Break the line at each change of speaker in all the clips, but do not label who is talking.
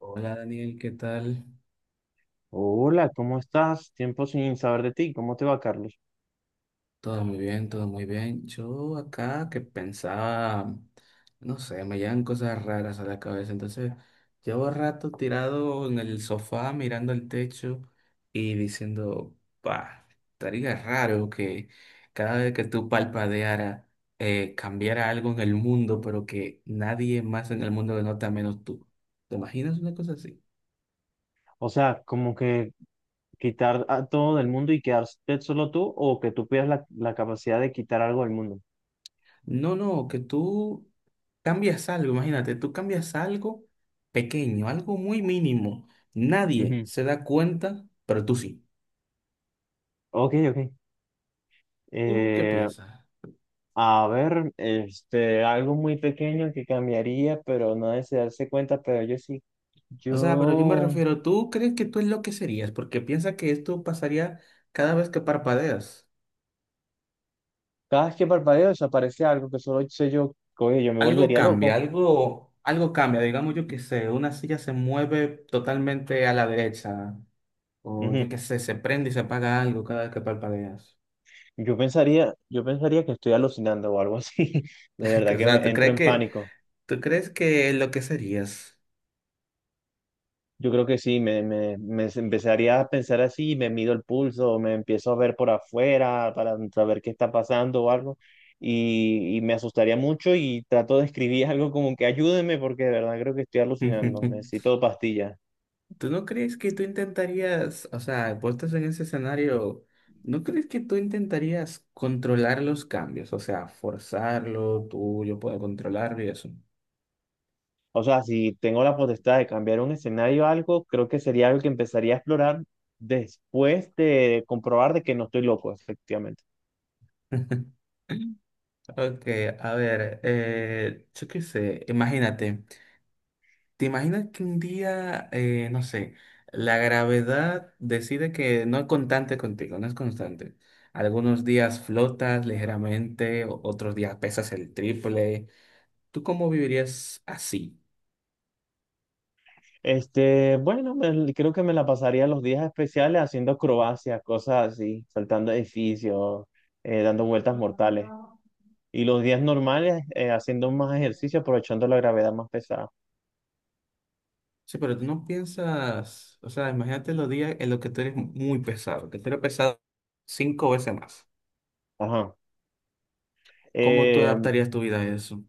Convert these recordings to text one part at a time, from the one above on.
Hola Daniel, ¿qué tal?
Hola, ¿cómo estás? Tiempo sin saber de ti. ¿Cómo te va, Carlos?
Todo muy bien, todo muy bien. Yo acá que pensaba, no sé, me llegan cosas raras a la cabeza. Entonces, llevo rato tirado en el sofá mirando el techo y diciendo, pa, estaría raro que cada vez que tú palpadeara cambiara algo en el mundo, pero que nadie más en el mundo lo nota menos tú. ¿Te imaginas una cosa así?
O sea, como que quitar a todo del mundo y quedarte solo tú o que tú pierdas la capacidad de quitar algo del mundo.
No, no, que tú cambias algo, imagínate, tú cambias algo pequeño, algo muy mínimo. Nadie
Ujú.
se da cuenta, pero tú sí.
Ok, ok.
¿Tú qué
Eh,
piensas?
a ver, este, algo muy pequeño que cambiaría, pero nadie se darse cuenta, pero yo sí.
O sea, pero yo me
Yo,
refiero, ¿tú crees que tú es lo que serías? Porque piensa que esto pasaría cada vez que parpadeas.
cada vez que parpadeo desaparece algo que solo sé yo, oye, yo me
Algo
volvería
cambia,
loco.
algo, algo cambia. Digamos, yo qué sé, una silla se mueve totalmente a la derecha. O yo qué sé, se prende y se apaga algo cada vez que parpadeas.
Yo pensaría que estoy alucinando o algo así. De verdad
O
que
sea,
me
¿tú
entro
crees
en
que...
pánico.
¿Tú crees que lo que serías?
Yo creo que sí, me empezaría a pensar así, me mido el pulso, me empiezo a ver por afuera para saber qué está pasando o algo. Y me asustaría mucho y trato de escribir algo como que ayúdeme porque de verdad creo que estoy alucinando. Necesito pastillas.
¿Tú no crees que tú intentarías, o sea, puestos en ese escenario, ¿no crees que tú intentarías controlar los cambios? O sea, forzarlo, tú, yo puedo controlarlo y eso.
O sea, si tengo la potestad de cambiar un escenario o algo, creo que sería algo que empezaría a explorar después de comprobar de que no estoy loco, efectivamente.
Ok, a ver, yo qué sé, imagínate. ¿Te imaginas que un día, no sé, la gravedad decide que no es constante contigo, no es constante? Algunos días flotas ligeramente, otros días pesas el triple. ¿Tú cómo vivirías así?
Este, bueno, creo que me la pasaría los días especiales haciendo acrobacias, cosas así, saltando edificios, dando vueltas mortales. Y los días normales, haciendo más ejercicio, aprovechando la gravedad más pesada.
Sí, pero tú no piensas, o sea, imagínate los días en los que tú eres muy pesado, que tú eres pesado cinco veces más.
Ajá.
¿Cómo tú
Eh,
adaptarías tu vida a eso?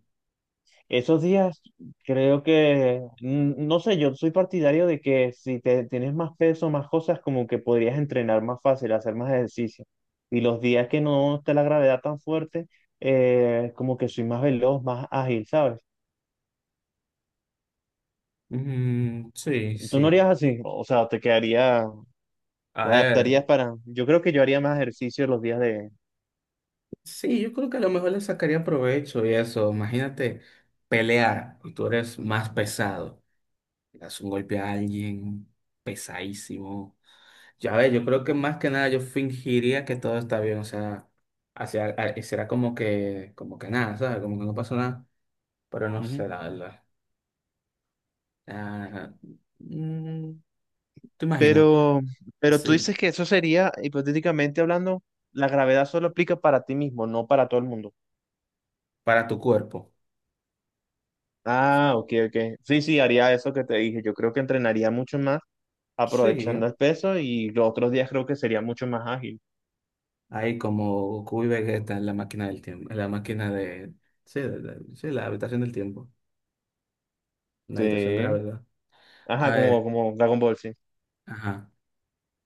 Esos días, creo que, no sé, yo soy partidario de que si te tienes más peso, más cosas, como que podrías entrenar más fácil, hacer más ejercicio. Y los días que no esté la gravedad tan fuerte, como que soy más veloz, más ágil, ¿sabes?
Mm, sí,
Tú no harías
sí.
así, o sea, te quedaría,
A
te
ver.
adaptarías para. Yo creo que yo haría más ejercicio los días de.
Sí, yo creo que a lo mejor le sacaría provecho y eso. Imagínate pelear y tú eres más pesado. Le das un golpe a alguien pesadísimo. Ya ves, yo creo que más que nada yo fingiría que todo está bien. O sea, hacia, será como que nada, ¿sabes? Como que no pasó nada. Pero no
Ujú.
sé, la verdad. Ah, mm, ¿te imaginas?
Pero, pero tú
Así,
dices que eso sería, hipotéticamente hablando, la gravedad solo aplica para ti mismo, no para todo el mundo.
para tu cuerpo.
Ah, ok, ok. Sí, sí, haría eso que te dije. Yo creo que entrenaría mucho más
Sí.
aprovechando el peso y los otros días creo que sería mucho más ágil.
Ahí como Goku y Vegeta en la máquina del tiempo, en la máquina de... Sí, sí, la habitación del tiempo, la habitación
Sí.
gravedad. A
Ajá,
ver,
como Dragon Ball, sí.
ajá.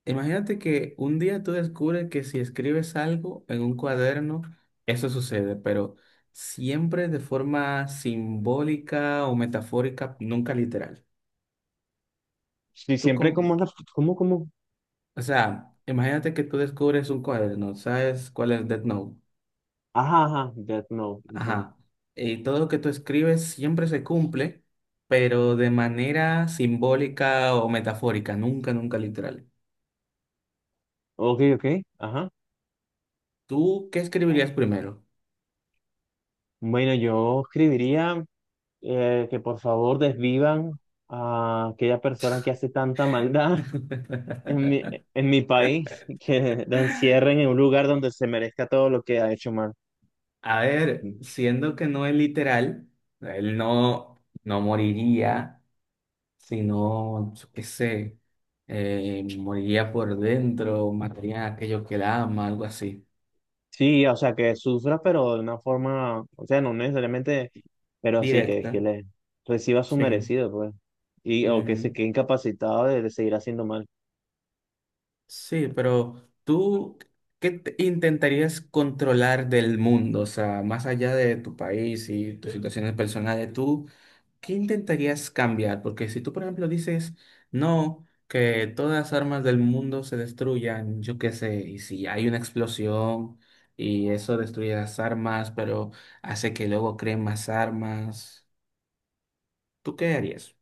Imagínate que un día tú descubres que si escribes algo en un cuaderno, eso sucede, pero siempre de forma simbólica o metafórica, nunca literal.
Sí,
Tú
siempre como
con...
una, como.
O sea, imagínate que tú descubres un cuaderno, ¿sabes cuál es Death Note?
Ajá, ajá, Death Note. Ajá.
Ajá. Y todo lo que tú escribes siempre se cumple, pero de manera simbólica o metafórica, nunca, nunca literal.
Ok, ok. Ajá.
¿Tú qué escribirías primero?
Bueno, yo escribiría que por favor desvivan a aquella persona que hace tanta maldad en mi país, que lo encierren en un lugar donde se merezca todo lo que ha hecho mal.
A ver, siendo que no es literal, él no, no moriría, sino, yo qué sé, moriría por dentro, mataría a aquello que la ama, algo así.
Sí, o sea, que sufra, pero de una forma, o sea, no necesariamente, pero sí que
Directa,
le reciba su
sí.
merecido, pues, y o que se
Ujú.
quede incapacitado de seguir haciendo mal.
Sí, pero tú, ¿qué intentarías controlar del mundo? O sea, más allá de tu país y tus situaciones personales, tú, ¿qué intentarías cambiar? Porque si tú, por ejemplo, dices, no, que todas las armas del mundo se destruyan, yo qué sé, y si hay una explosión y eso destruye las armas, pero hace que luego creen más armas, ¿tú qué harías?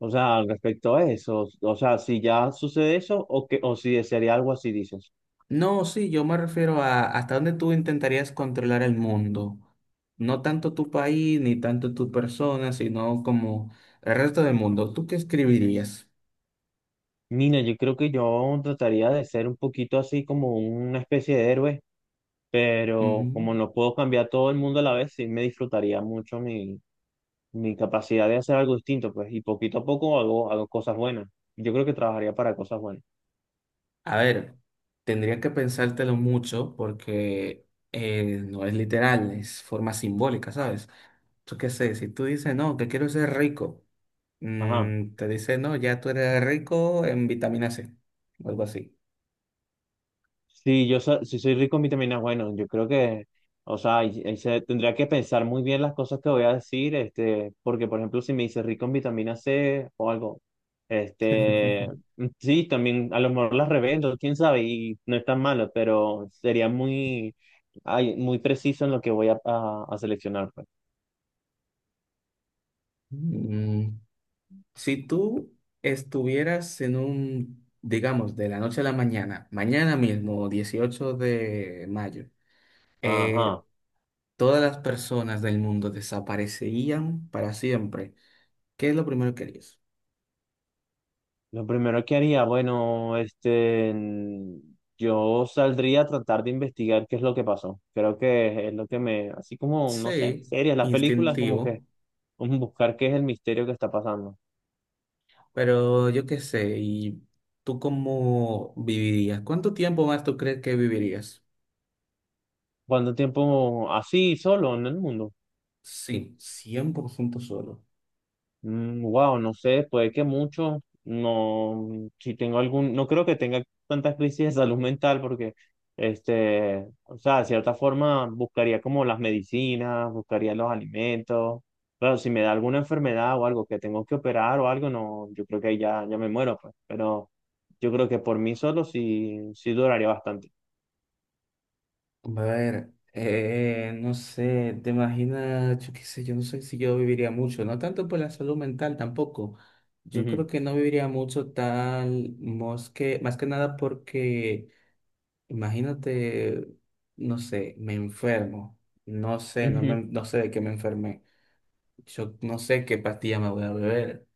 O sea, respecto a eso, o sea, si ya sucede eso o que o si desearía algo así, dices.
No, sí, yo me refiero a hasta dónde tú intentarías controlar el mundo. No tanto tu país, ni tanto tu persona, sino como el resto del mundo. ¿Tú qué escribirías?
Mira, yo creo que yo trataría de ser un poquito así como una especie de héroe, pero como
Mm,
no puedo cambiar todo el mundo a la vez, sí me disfrutaría mucho mi capacidad de hacer algo distinto, pues, y poquito a poco hago cosas buenas. Yo creo que trabajaría para cosas buenas.
A ver, tendría que pensártelo mucho porque no es literal, es forma simbólica, ¿sabes? Yo qué sé, si tú dices, no, que quiero ser rico,
Ajá.
te dice, no, ya tú eres rico en vitamina C, o algo así.
Sí, si soy rico en vitaminas, bueno, yo creo que, o sea, ahí se, tendría que pensar muy bien las cosas que voy a decir, este, porque por ejemplo, si me dice rico en vitamina C o algo, este, mm, sí, también a lo mejor las revendo, quién sabe, y no es tan malo, pero sería muy, ay, muy preciso en lo que voy a seleccionar, pues.
Mm, Si tú estuvieras en un, digamos, de la noche a la mañana, mañana mismo, 18 de mayo, eh,
Ajá.
todas las personas del mundo desaparecerían para siempre, ¿qué es lo primero que harías?
Lo primero que haría, bueno, este, mm, yo saldría a tratar de investigar qué es lo que pasó. Creo que es lo que me, así como, no sé,
Sí,
series, las películas, como que
instintivo,
buscar qué es el misterio que está pasando.
pero yo qué sé, ¿y tú cómo vivirías? ¿Cuánto tiempo más tú crees que vivirías?
¿Cuánto tiempo así, solo en el mundo?
Sí, 100% solo.
Wow, no sé, puede que mucho. No, si tengo algún, no creo que tenga tantas crisis de salud mental porque, este, o sea, de cierta forma buscaría como las medicinas, buscaría los alimentos. Claro, si me da alguna enfermedad o algo que tengo que operar o algo, no, yo creo que ahí ya, ya me muero, pues. Pero yo creo que por mí solo sí, sí duraría bastante.
A ver, no sé, te imaginas, yo qué sé, yo no sé si yo viviría mucho, no tanto por la salud mental tampoco. Yo creo
Ujú,
que no viviría mucho tal, más que nada porque, imagínate, no sé, me enfermo, no sé, no, me,
ujú.
no sé de qué me enfermé, yo no sé qué pastilla me voy a beber.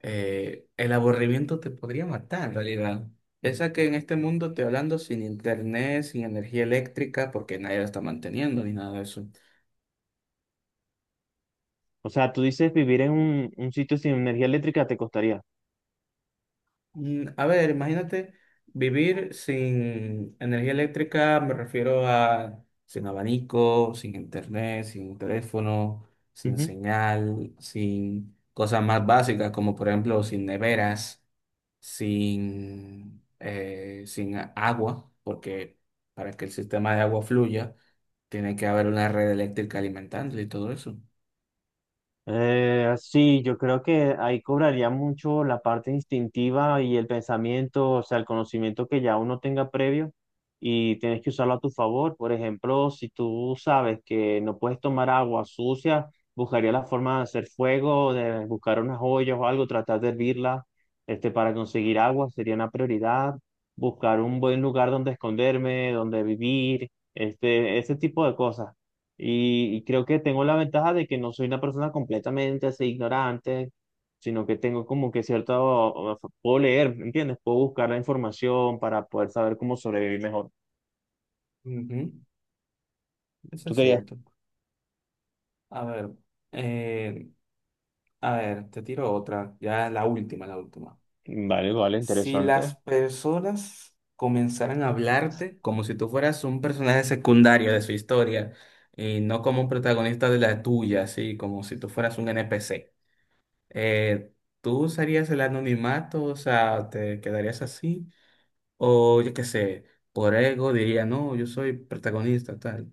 El aburrimiento te podría matar, en realidad. Esa que en este mundo estoy hablando sin internet, sin energía eléctrica, porque nadie la está manteniendo ni nada de eso.
O sea, tú dices vivir en un sitio sin energía eléctrica te costaría.
Mm, a ver, imagínate vivir sin energía eléctrica, me refiero a sin abanico, sin internet, sin teléfono, sin señal, sin cosas más básicas, como por ejemplo sin neveras. Sin, sin agua, porque para que el sistema de agua fluya, tiene que haber una red eléctrica alimentándole y todo eso.
Sí, yo creo que ahí cobraría mucho la parte instintiva y el pensamiento, o sea, el conocimiento que ya uno tenga previo y tienes que usarlo a tu favor. Por ejemplo, si tú sabes que no puedes tomar agua sucia, buscaría la forma de hacer fuego, de buscar unas ollas o algo, tratar de hervirla, este, para conseguir agua sería una prioridad. Buscar un buen lugar donde esconderme, donde vivir, este, ese tipo de cosas. Y creo que tengo la ventaja de que no soy una persona completamente así ignorante, sino que tengo como que cierto, puedo leer, ¿me ¿entiendes? Puedo buscar la información para poder saber cómo sobrevivir mejor.
Ujú, eso
¿Tú
es
querías?
cierto. A ver, eh, a ver, te tiro otra, ya la última, la última.
Vale, vale,
Si las
interesante.
personas comenzaran a hablarte como si tú fueras un personaje secundario de su historia y no como un protagonista de la tuya, así como si tú fueras un NPC. Eh, ¿Tú usarías el anonimato? O sea, ¿te quedarías así? O yo qué sé, por ego diría, no, yo soy protagonista, tal.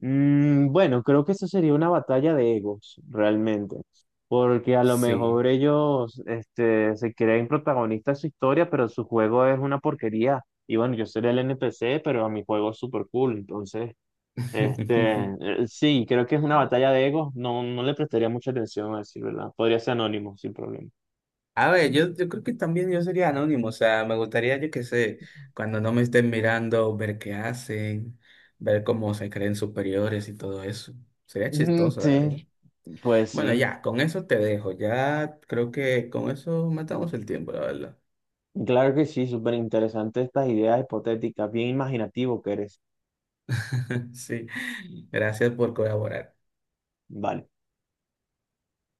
Mm, bueno, creo que eso sería una batalla de egos, realmente, porque a lo
Sí.
mejor ellos, este, se creen protagonistas de su historia, pero su juego es una porquería. Y bueno, yo sería el NPC, pero a mi juego es súper cool, entonces... Este, sí, creo que es una batalla de egos. No, no le prestaría mucha atención a decir verdad. Podría ser anónimo, sin problema.
A ver, yo creo que también yo sería anónimo, o sea, me gustaría, yo qué sé, cuando no me estén mirando, ver qué hacen, ver cómo se creen superiores y todo eso. Sería
Mm,
chistoso, la verdad.
sí, pues
Bueno,
sí.
ya, con eso te dejo, ya creo que con eso matamos el tiempo, la verdad.
Claro que sí, súper interesante estas ideas hipotéticas. Bien imaginativo que eres.
Sí, gracias por colaborar.
Vale.